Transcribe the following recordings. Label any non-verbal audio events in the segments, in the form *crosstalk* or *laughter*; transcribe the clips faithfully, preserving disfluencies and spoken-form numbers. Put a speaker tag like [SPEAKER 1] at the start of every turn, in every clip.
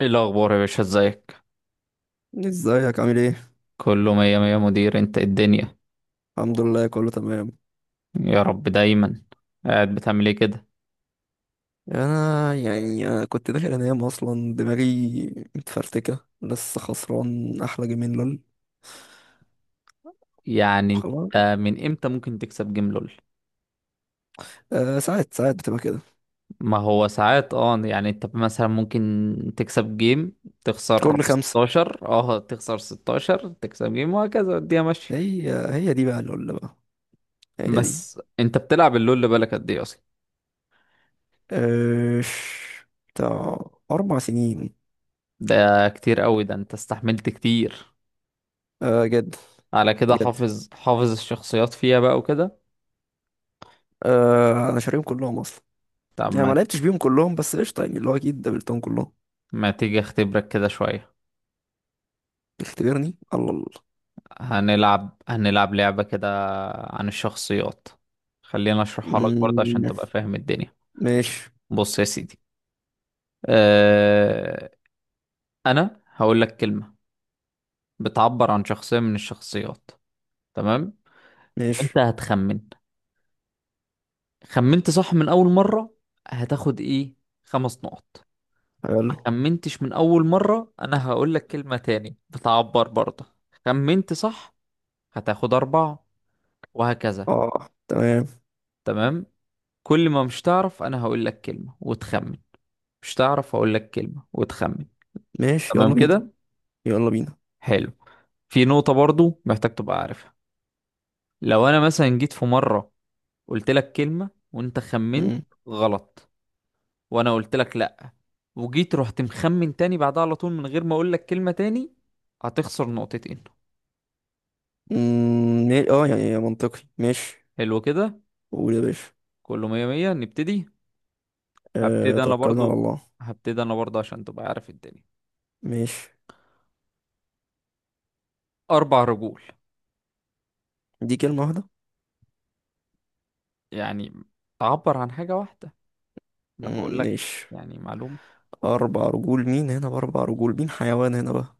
[SPEAKER 1] ايه الاخبار يا باشا؟ ازيك؟
[SPEAKER 2] ازيك؟ عامل ايه؟
[SPEAKER 1] كله مية مية مدير. انت إيه الدنيا؟
[SPEAKER 2] الحمد لله، كله تمام.
[SPEAKER 1] يا رب دايما. قاعد بتعمل ايه كده؟
[SPEAKER 2] انا يعني انا كنت داخل انام اصلا، دماغي متفرتكه، لسه خسران احلى جيمين لول.
[SPEAKER 1] يعني انت
[SPEAKER 2] وخلاص.
[SPEAKER 1] من امتى ممكن تكسب جيم لول؟
[SPEAKER 2] أه، ساعات ساعات بتبقى كده.
[SPEAKER 1] ما هو ساعات. اه يعني انت مثلا ممكن تكسب جيم، تخسر
[SPEAKER 2] كل خمسه.
[SPEAKER 1] ستاشر، اه تخسر ستاشر، تكسب جيم، وهكذا الدنيا ماشية.
[SPEAKER 2] هي هي دي بقى لول بقى. هي دي.
[SPEAKER 1] بس انت بتلعب اللول بقالك قد ايه اصلا؟
[SPEAKER 2] أه، ش- بتاع اربع سنين.
[SPEAKER 1] ده كتير قوي. ده انت استحملت كتير.
[SPEAKER 2] أه، جد.
[SPEAKER 1] على كده
[SPEAKER 2] جد.
[SPEAKER 1] حافظ حافظ الشخصيات فيها بقى وكده.
[SPEAKER 2] أه، انا شاريهم كلهم اصلا.
[SPEAKER 1] طب،
[SPEAKER 2] يعني ما
[SPEAKER 1] ما
[SPEAKER 2] لعبتش بيهم كلهم بس قشطه، يعني اللي هو اكيد قابلتهم كلهم.
[SPEAKER 1] ما تيجي اختبرك كده شوية.
[SPEAKER 2] اختبرني. الله الله.
[SPEAKER 1] هنلعب هنلعب لعبة كده عن الشخصيات. خلينا اشرحها لك برضه عشان
[SPEAKER 2] مم،
[SPEAKER 1] تبقى فاهم الدنيا.
[SPEAKER 2] ماشي.
[SPEAKER 1] بص يا سيدي، أه... انا هقول لك كلمة بتعبر عن شخصية من الشخصيات، تمام؟ وانت
[SPEAKER 2] ماشي.
[SPEAKER 1] هتخمن. خمنت صح من اول مرة، هتاخد ايه؟ خمس نقط.
[SPEAKER 2] حلو.
[SPEAKER 1] ما خمنتش من اول مرة، انا هقول لك كلمة تاني بتعبر برضه. خمنت صح، هتاخد اربعة، وهكذا.
[SPEAKER 2] اه، تمام.
[SPEAKER 1] تمام؟ كل ما مش تعرف انا هقول لك كلمة وتخمن، مش تعرف اقول لك كلمة وتخمن.
[SPEAKER 2] ماشي،
[SPEAKER 1] تمام
[SPEAKER 2] يلا بينا.
[SPEAKER 1] كده؟
[SPEAKER 2] يلا بينا.
[SPEAKER 1] حلو. في نقطة برضو محتاج تبقى عارفها. لو انا مثلا جيت في مرة قلت لك كلمة وانت خمنت
[SPEAKER 2] مم.
[SPEAKER 1] غلط، وانا قلت لك لا، وجيت رحت مخمن تاني بعدها على طول من غير ما اقول لك كلمة تاني، هتخسر نقطتين.
[SPEAKER 2] مم، ما- اه يعني منطقي، ماشي.
[SPEAKER 1] حلو كده.
[SPEAKER 2] قول يا باشا.
[SPEAKER 1] كله مية مية، نبتدي.
[SPEAKER 2] أه،
[SPEAKER 1] هبتدي انا
[SPEAKER 2] توكلنا على
[SPEAKER 1] برضو
[SPEAKER 2] الله.
[SPEAKER 1] هبتدي انا برضو عشان تبقى عارف الدنيا.
[SPEAKER 2] ماشي.
[SPEAKER 1] اربع رجول.
[SPEAKER 2] دي كلمة واحدة.
[SPEAKER 1] يعني تعبر عن حاجة واحدة، انا بقول
[SPEAKER 2] مم،
[SPEAKER 1] لك
[SPEAKER 2] ماشي.
[SPEAKER 1] يعني معلومة.
[SPEAKER 2] أربع رجول مين هنا؟ بأربع رجول مين حيوان هنا بقى؟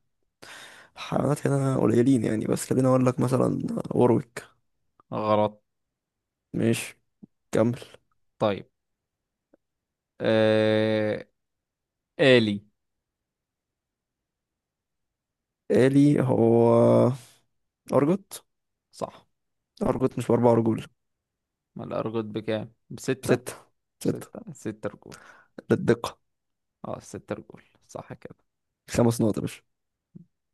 [SPEAKER 2] الحيوانات هنا قليلين يعني، بس خليني أقول لك مثلا. وروك.
[SPEAKER 1] غلط.
[SPEAKER 2] ماشي، كمل.
[SPEAKER 1] طيب. آه... آلي.
[SPEAKER 2] آلي هو؟ أرجوت.
[SPEAKER 1] صح.
[SPEAKER 2] أرجوت مش بأربع رجول.
[SPEAKER 1] ما الأرجل بكام؟ بستة؟
[SPEAKER 2] ستة. ستة.
[SPEAKER 1] بستة؟ ستة رجول.
[SPEAKER 2] للدقة.
[SPEAKER 1] اه ستة رجول. صح كده.
[SPEAKER 2] خمس نقط يا باشا.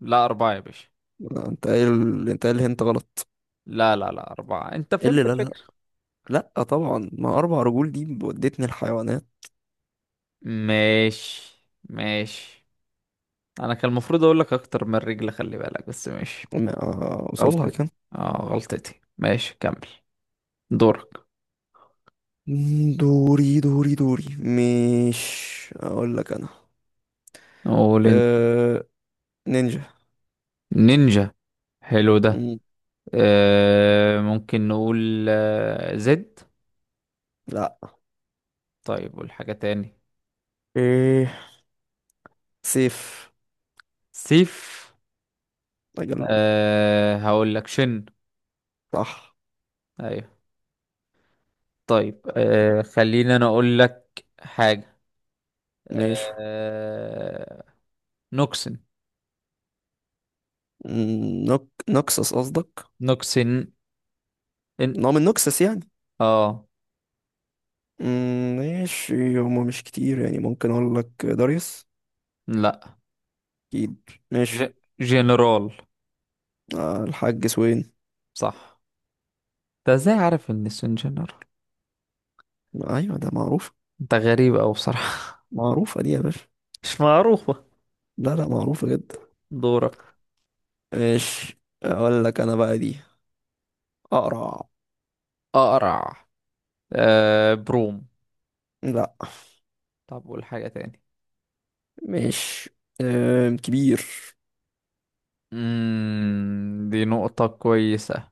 [SPEAKER 1] لا أربعة يا باشا.
[SPEAKER 2] لا، انت قايل. انت قايل انت غلط.
[SPEAKER 1] لا، لا، لا، أربعة. أنت
[SPEAKER 2] ايه اللي
[SPEAKER 1] فهمت
[SPEAKER 2] لا لا؟
[SPEAKER 1] الفكرة.
[SPEAKER 2] لا طبعا، ما اربع رجول دي ودتني الحيوانات.
[SPEAKER 1] ماشي، ماشي. أنا كان المفروض أقول لك أكتر من رجل، خلي بالك. بس ماشي،
[SPEAKER 2] ما اوصلها
[SPEAKER 1] غلطتي.
[SPEAKER 2] كان.
[SPEAKER 1] اه غلطتي. ماشي، كمل. دورك.
[SPEAKER 2] دوري دوري دوري. مش اقول لك انا.
[SPEAKER 1] نقول أنت.
[SPEAKER 2] أه... نينجا.
[SPEAKER 1] نينجا. حلو ده.
[SPEAKER 2] مم،
[SPEAKER 1] آه... ممكن نقول آه... زد.
[SPEAKER 2] لا.
[SPEAKER 1] طيب، والحاجة تاني.
[SPEAKER 2] ايه؟ سيف.
[SPEAKER 1] سيف.
[SPEAKER 2] اجل.
[SPEAKER 1] أه هقول لك شن.
[SPEAKER 2] صح.
[SPEAKER 1] ايوه. طيب. أه خليني انا اقول لك حاجة.
[SPEAKER 2] ماشي.
[SPEAKER 1] أه نوكسن.
[SPEAKER 2] مم، نوك نوكسس قصدك.
[SPEAKER 1] نوكسن. إن...
[SPEAKER 2] نوع من نوكسس يعني.
[SPEAKER 1] اه.
[SPEAKER 2] مم، ماشي. هما مش كتير يعني، ممكن اقول لك داريوس.
[SPEAKER 1] لا.
[SPEAKER 2] اكيد. ماشي.
[SPEAKER 1] ج... جنرال.
[SPEAKER 2] آه، الحاج سوين.
[SPEAKER 1] صح. انت ازاي عارف ان السن جنرال؟
[SPEAKER 2] ايوه ده معروف.
[SPEAKER 1] انت غريب اوي بصراحة.
[SPEAKER 2] معروفة دي يا باشا.
[SPEAKER 1] *laughs* مش معروفة.
[SPEAKER 2] لا لا، معروفة جدا.
[SPEAKER 1] دورك.
[SPEAKER 2] مش اقول لك انا بقى دي. اقرع.
[SPEAKER 1] اقرع. أه بروم.
[SPEAKER 2] لا.
[SPEAKER 1] طب قول حاجة تاني.
[SPEAKER 2] مش أم، كبير.
[SPEAKER 1] مم... دي نقطة كويسة.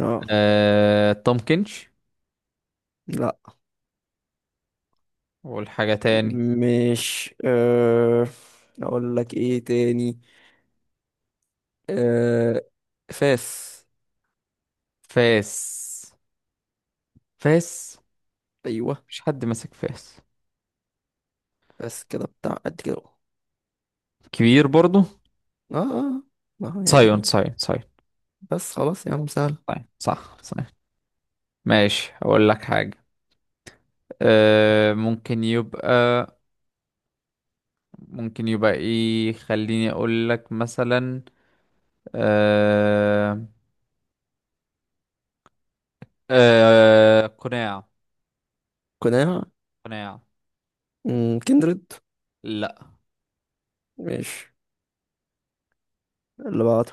[SPEAKER 2] اه.
[SPEAKER 1] أه تومكنش.
[SPEAKER 2] لا.
[SPEAKER 1] قول حاجة تاني.
[SPEAKER 2] مش أه، اقول لك ايه تاني؟ أه، فاس.
[SPEAKER 1] فاس. فاس.
[SPEAKER 2] ايوه.
[SPEAKER 1] مش حد ماسك فاس
[SPEAKER 2] بس كده بتاع قد كده اهو.
[SPEAKER 1] كبير برضو.
[SPEAKER 2] اه اه. ما هو يعني.
[SPEAKER 1] سايون، سايون، سايون.
[SPEAKER 2] بس خلاص يا عم، سهل.
[SPEAKER 1] سايون صح، سايون. ماشي، اقول لك حاجة. أه ممكن يبقى، ممكن يبقى ايه؟ خليني اقول لك مثلا. أه أه قناع.
[SPEAKER 2] قناع.
[SPEAKER 1] قناع.
[SPEAKER 2] مم، كندريد.
[SPEAKER 1] لا.
[SPEAKER 2] مش اللي بعده.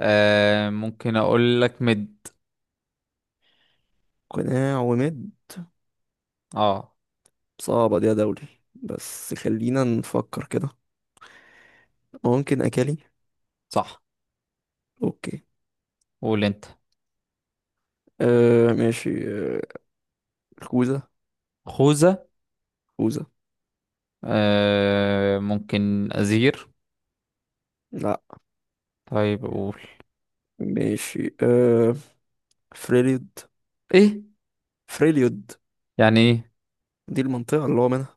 [SPEAKER 1] أه ممكن اقول لك مد.
[SPEAKER 2] قناع ومد.
[SPEAKER 1] اه
[SPEAKER 2] صعبة دي يا دولي، بس خلينا نفكر كده. ممكن أكالي.
[SPEAKER 1] صح.
[SPEAKER 2] أوكي.
[SPEAKER 1] قول انت.
[SPEAKER 2] آه، ماشي. آه خوذة.
[SPEAKER 1] خوذة.
[SPEAKER 2] خوذة.
[SPEAKER 1] أه ممكن ازير.
[SPEAKER 2] لا.
[SPEAKER 1] طيب اقول
[SPEAKER 2] ماشي. آه فريليود.
[SPEAKER 1] ايه؟
[SPEAKER 2] فريليود.
[SPEAKER 1] يعني ايه؟
[SPEAKER 2] دي المنطقة اللي هو منها.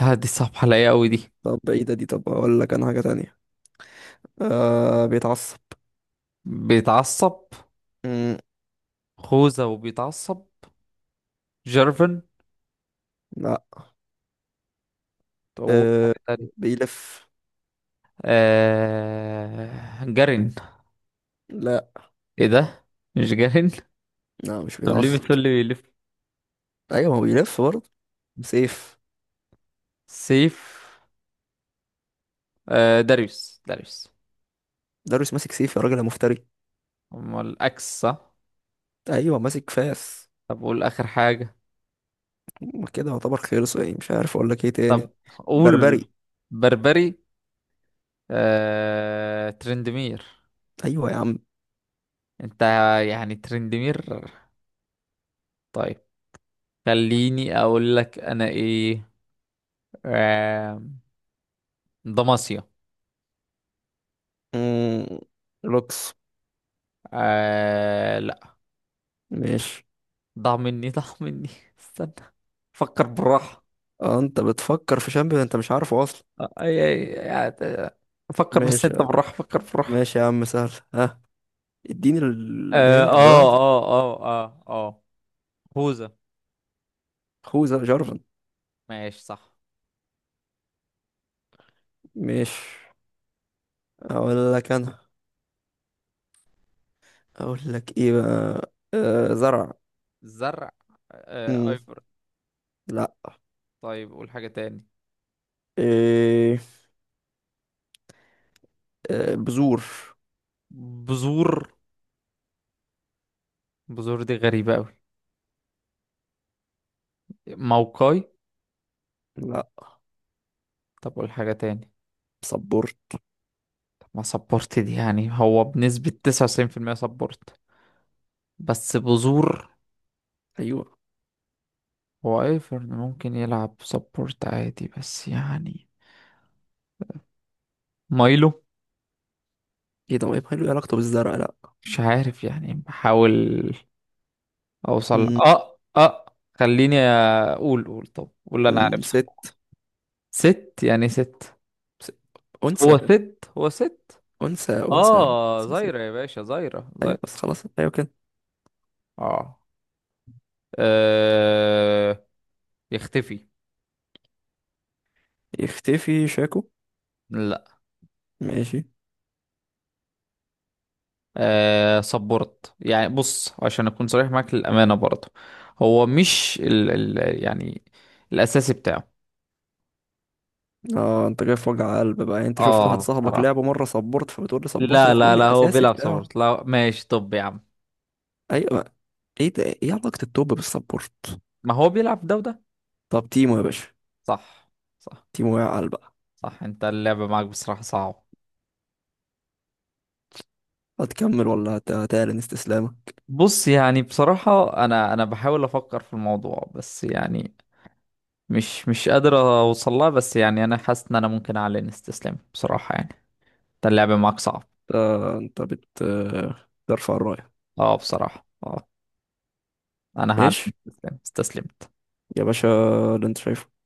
[SPEAKER 1] لا دي صعبة عليا قوي دي.
[SPEAKER 2] طب بعيدة دي، طب أقول لك أنا حاجة تانية. آه بيتعصب.
[SPEAKER 1] بيتعصب.
[SPEAKER 2] مم.
[SPEAKER 1] خوذة وبيتعصب. جيرفن.
[SPEAKER 2] لا.
[SPEAKER 1] وحاجة
[SPEAKER 2] آه
[SPEAKER 1] تانية.
[SPEAKER 2] بيلف.
[SPEAKER 1] آه... جارين.
[SPEAKER 2] لا
[SPEAKER 1] ايه ده؟ مش جارين.
[SPEAKER 2] لا، مش
[SPEAKER 1] طب ليه
[SPEAKER 2] بيتعصب.
[SPEAKER 1] بتقول لي بيلف؟
[SPEAKER 2] أيوة ما هو بيلف برضه. سيف.
[SPEAKER 1] سيف. آه... داريوس، داريوس.
[SPEAKER 2] داريوس ماسك سيف يا راجل يا مفتري.
[SPEAKER 1] امال اكس، صح؟
[SPEAKER 2] أيوة ماسك فاس.
[SPEAKER 1] طب قول اخر حاجة.
[SPEAKER 2] ما كده يعتبر خلص، يعني مش عارف أقول لك إيه
[SPEAKER 1] طب
[SPEAKER 2] تاني.
[SPEAKER 1] قول.
[SPEAKER 2] بربري.
[SPEAKER 1] بربري. آه... ترندمير.
[SPEAKER 2] أيوة يا عم.
[SPEAKER 1] انت! يعني ترندمير. طيب، خليني اقول لك انا ايه. آه... دماسيا.
[SPEAKER 2] مم. لوكس.
[SPEAKER 1] آه...
[SPEAKER 2] ماشي.
[SPEAKER 1] ضاع مني، ضاع مني. *laughs* استنى. فكر بالراحة.
[SPEAKER 2] اه انت بتفكر في شامبيون انت مش عارفه اصلا.
[SPEAKER 1] آه، أي أي يعني. فكر بس
[SPEAKER 2] ماشي.
[SPEAKER 1] أنت بالراحة. فكر بالراحة.
[SPEAKER 2] ماشي يا عم، سهل. ها، اديني ال-
[SPEAKER 1] آه
[SPEAKER 2] الهنت اللي
[SPEAKER 1] آه
[SPEAKER 2] بعده.
[SPEAKER 1] آه آه آه آه هوزة.
[SPEAKER 2] خوذة جارفن.
[SPEAKER 1] ماشي، صح.
[SPEAKER 2] مش اقول لك انا. اقول لك ايه بقى. آه زرع.
[SPEAKER 1] زرع. آه
[SPEAKER 2] مم.
[SPEAKER 1] أيبر.
[SPEAKER 2] لا.
[SPEAKER 1] طيب قول حاجة تاني.
[SPEAKER 2] إيه؟ آه بذور.
[SPEAKER 1] بذور. بذور دي غريبة أوي. موقعي.
[SPEAKER 2] لا.
[SPEAKER 1] طب قول حاجة تاني.
[SPEAKER 2] صبور.
[SPEAKER 1] طب ما سبورت دي، يعني هو بنسبة تسعة وتسعين في المية سبورت. بس بذور.
[SPEAKER 2] ايوه.
[SPEAKER 1] هو ايفرن ممكن يلعب سبورت عادي بس يعني. مايلو.
[SPEAKER 2] ايه ده؟ ما يبقى له علاقته بالزرع، لا.
[SPEAKER 1] مش عارف يعني، بحاول اوصل.
[SPEAKER 2] مم.
[SPEAKER 1] اه اه خليني اقول. قول. طب قول اللي انا
[SPEAKER 2] مم،
[SPEAKER 1] عرفته.
[SPEAKER 2] ست.
[SPEAKER 1] ست يعني ست.
[SPEAKER 2] ست.
[SPEAKER 1] هو
[SPEAKER 2] انثى.
[SPEAKER 1] ست؟ هو ست؟
[SPEAKER 2] انثى انثى.
[SPEAKER 1] اه،
[SPEAKER 2] ست.
[SPEAKER 1] زايرة
[SPEAKER 2] ست.
[SPEAKER 1] يا باشا، زايرة،
[SPEAKER 2] ايوه
[SPEAKER 1] زايرة.
[SPEAKER 2] بس خلاص، ايوه كده.
[SPEAKER 1] اه. آه، يختفي.
[SPEAKER 2] يختفي شاكو.
[SPEAKER 1] لا.
[SPEAKER 2] ماشي.
[SPEAKER 1] آه صبرت يعني. بص عشان اكون صريح معاك للامانه برضه، هو مش ال ال يعني الاساسي بتاعه.
[SPEAKER 2] اه انت جاي في وجع قلب بقى؟ يعني انت شفت واحد
[SPEAKER 1] اه
[SPEAKER 2] صاحبك
[SPEAKER 1] بصراحه.
[SPEAKER 2] لعبه مره سبورت فبتقول لي سبورت؟ لا،
[SPEAKER 1] لا،
[SPEAKER 2] قول
[SPEAKER 1] لا،
[SPEAKER 2] لي
[SPEAKER 1] لا، هو
[SPEAKER 2] الاساسي
[SPEAKER 1] بيلعب
[SPEAKER 2] بتاعه.
[SPEAKER 1] صبرت. لا، ماشي. طب يا عم.
[SPEAKER 2] ايوه. ايه ده؟ ايه علاقه التوب بالسبورت؟
[SPEAKER 1] ما هو بيلعب ده وده.
[SPEAKER 2] طب تيمو يا باشا.
[SPEAKER 1] صح، صح،
[SPEAKER 2] تيمو يا عال بقى.
[SPEAKER 1] صح. انت اللعبة معاك بصراحة صعبة.
[SPEAKER 2] هتكمل ولا هت- هتعلن استسلامك؟
[SPEAKER 1] بص يعني بصراحة، انا انا بحاول افكر في الموضوع بس يعني مش مش قادر اوصلها. بس يعني انا حاسس ان انا ممكن اعلن استسلام بصراحة يعني. انت اللعبة معاك صعب.
[SPEAKER 2] انت انت بت ترفع الرايه.
[SPEAKER 1] اه بصراحة. اه انا هعلن
[SPEAKER 2] ايش.
[SPEAKER 1] استسلام. استسلم.
[SPEAKER 2] يا باشا اللي انت شايفه.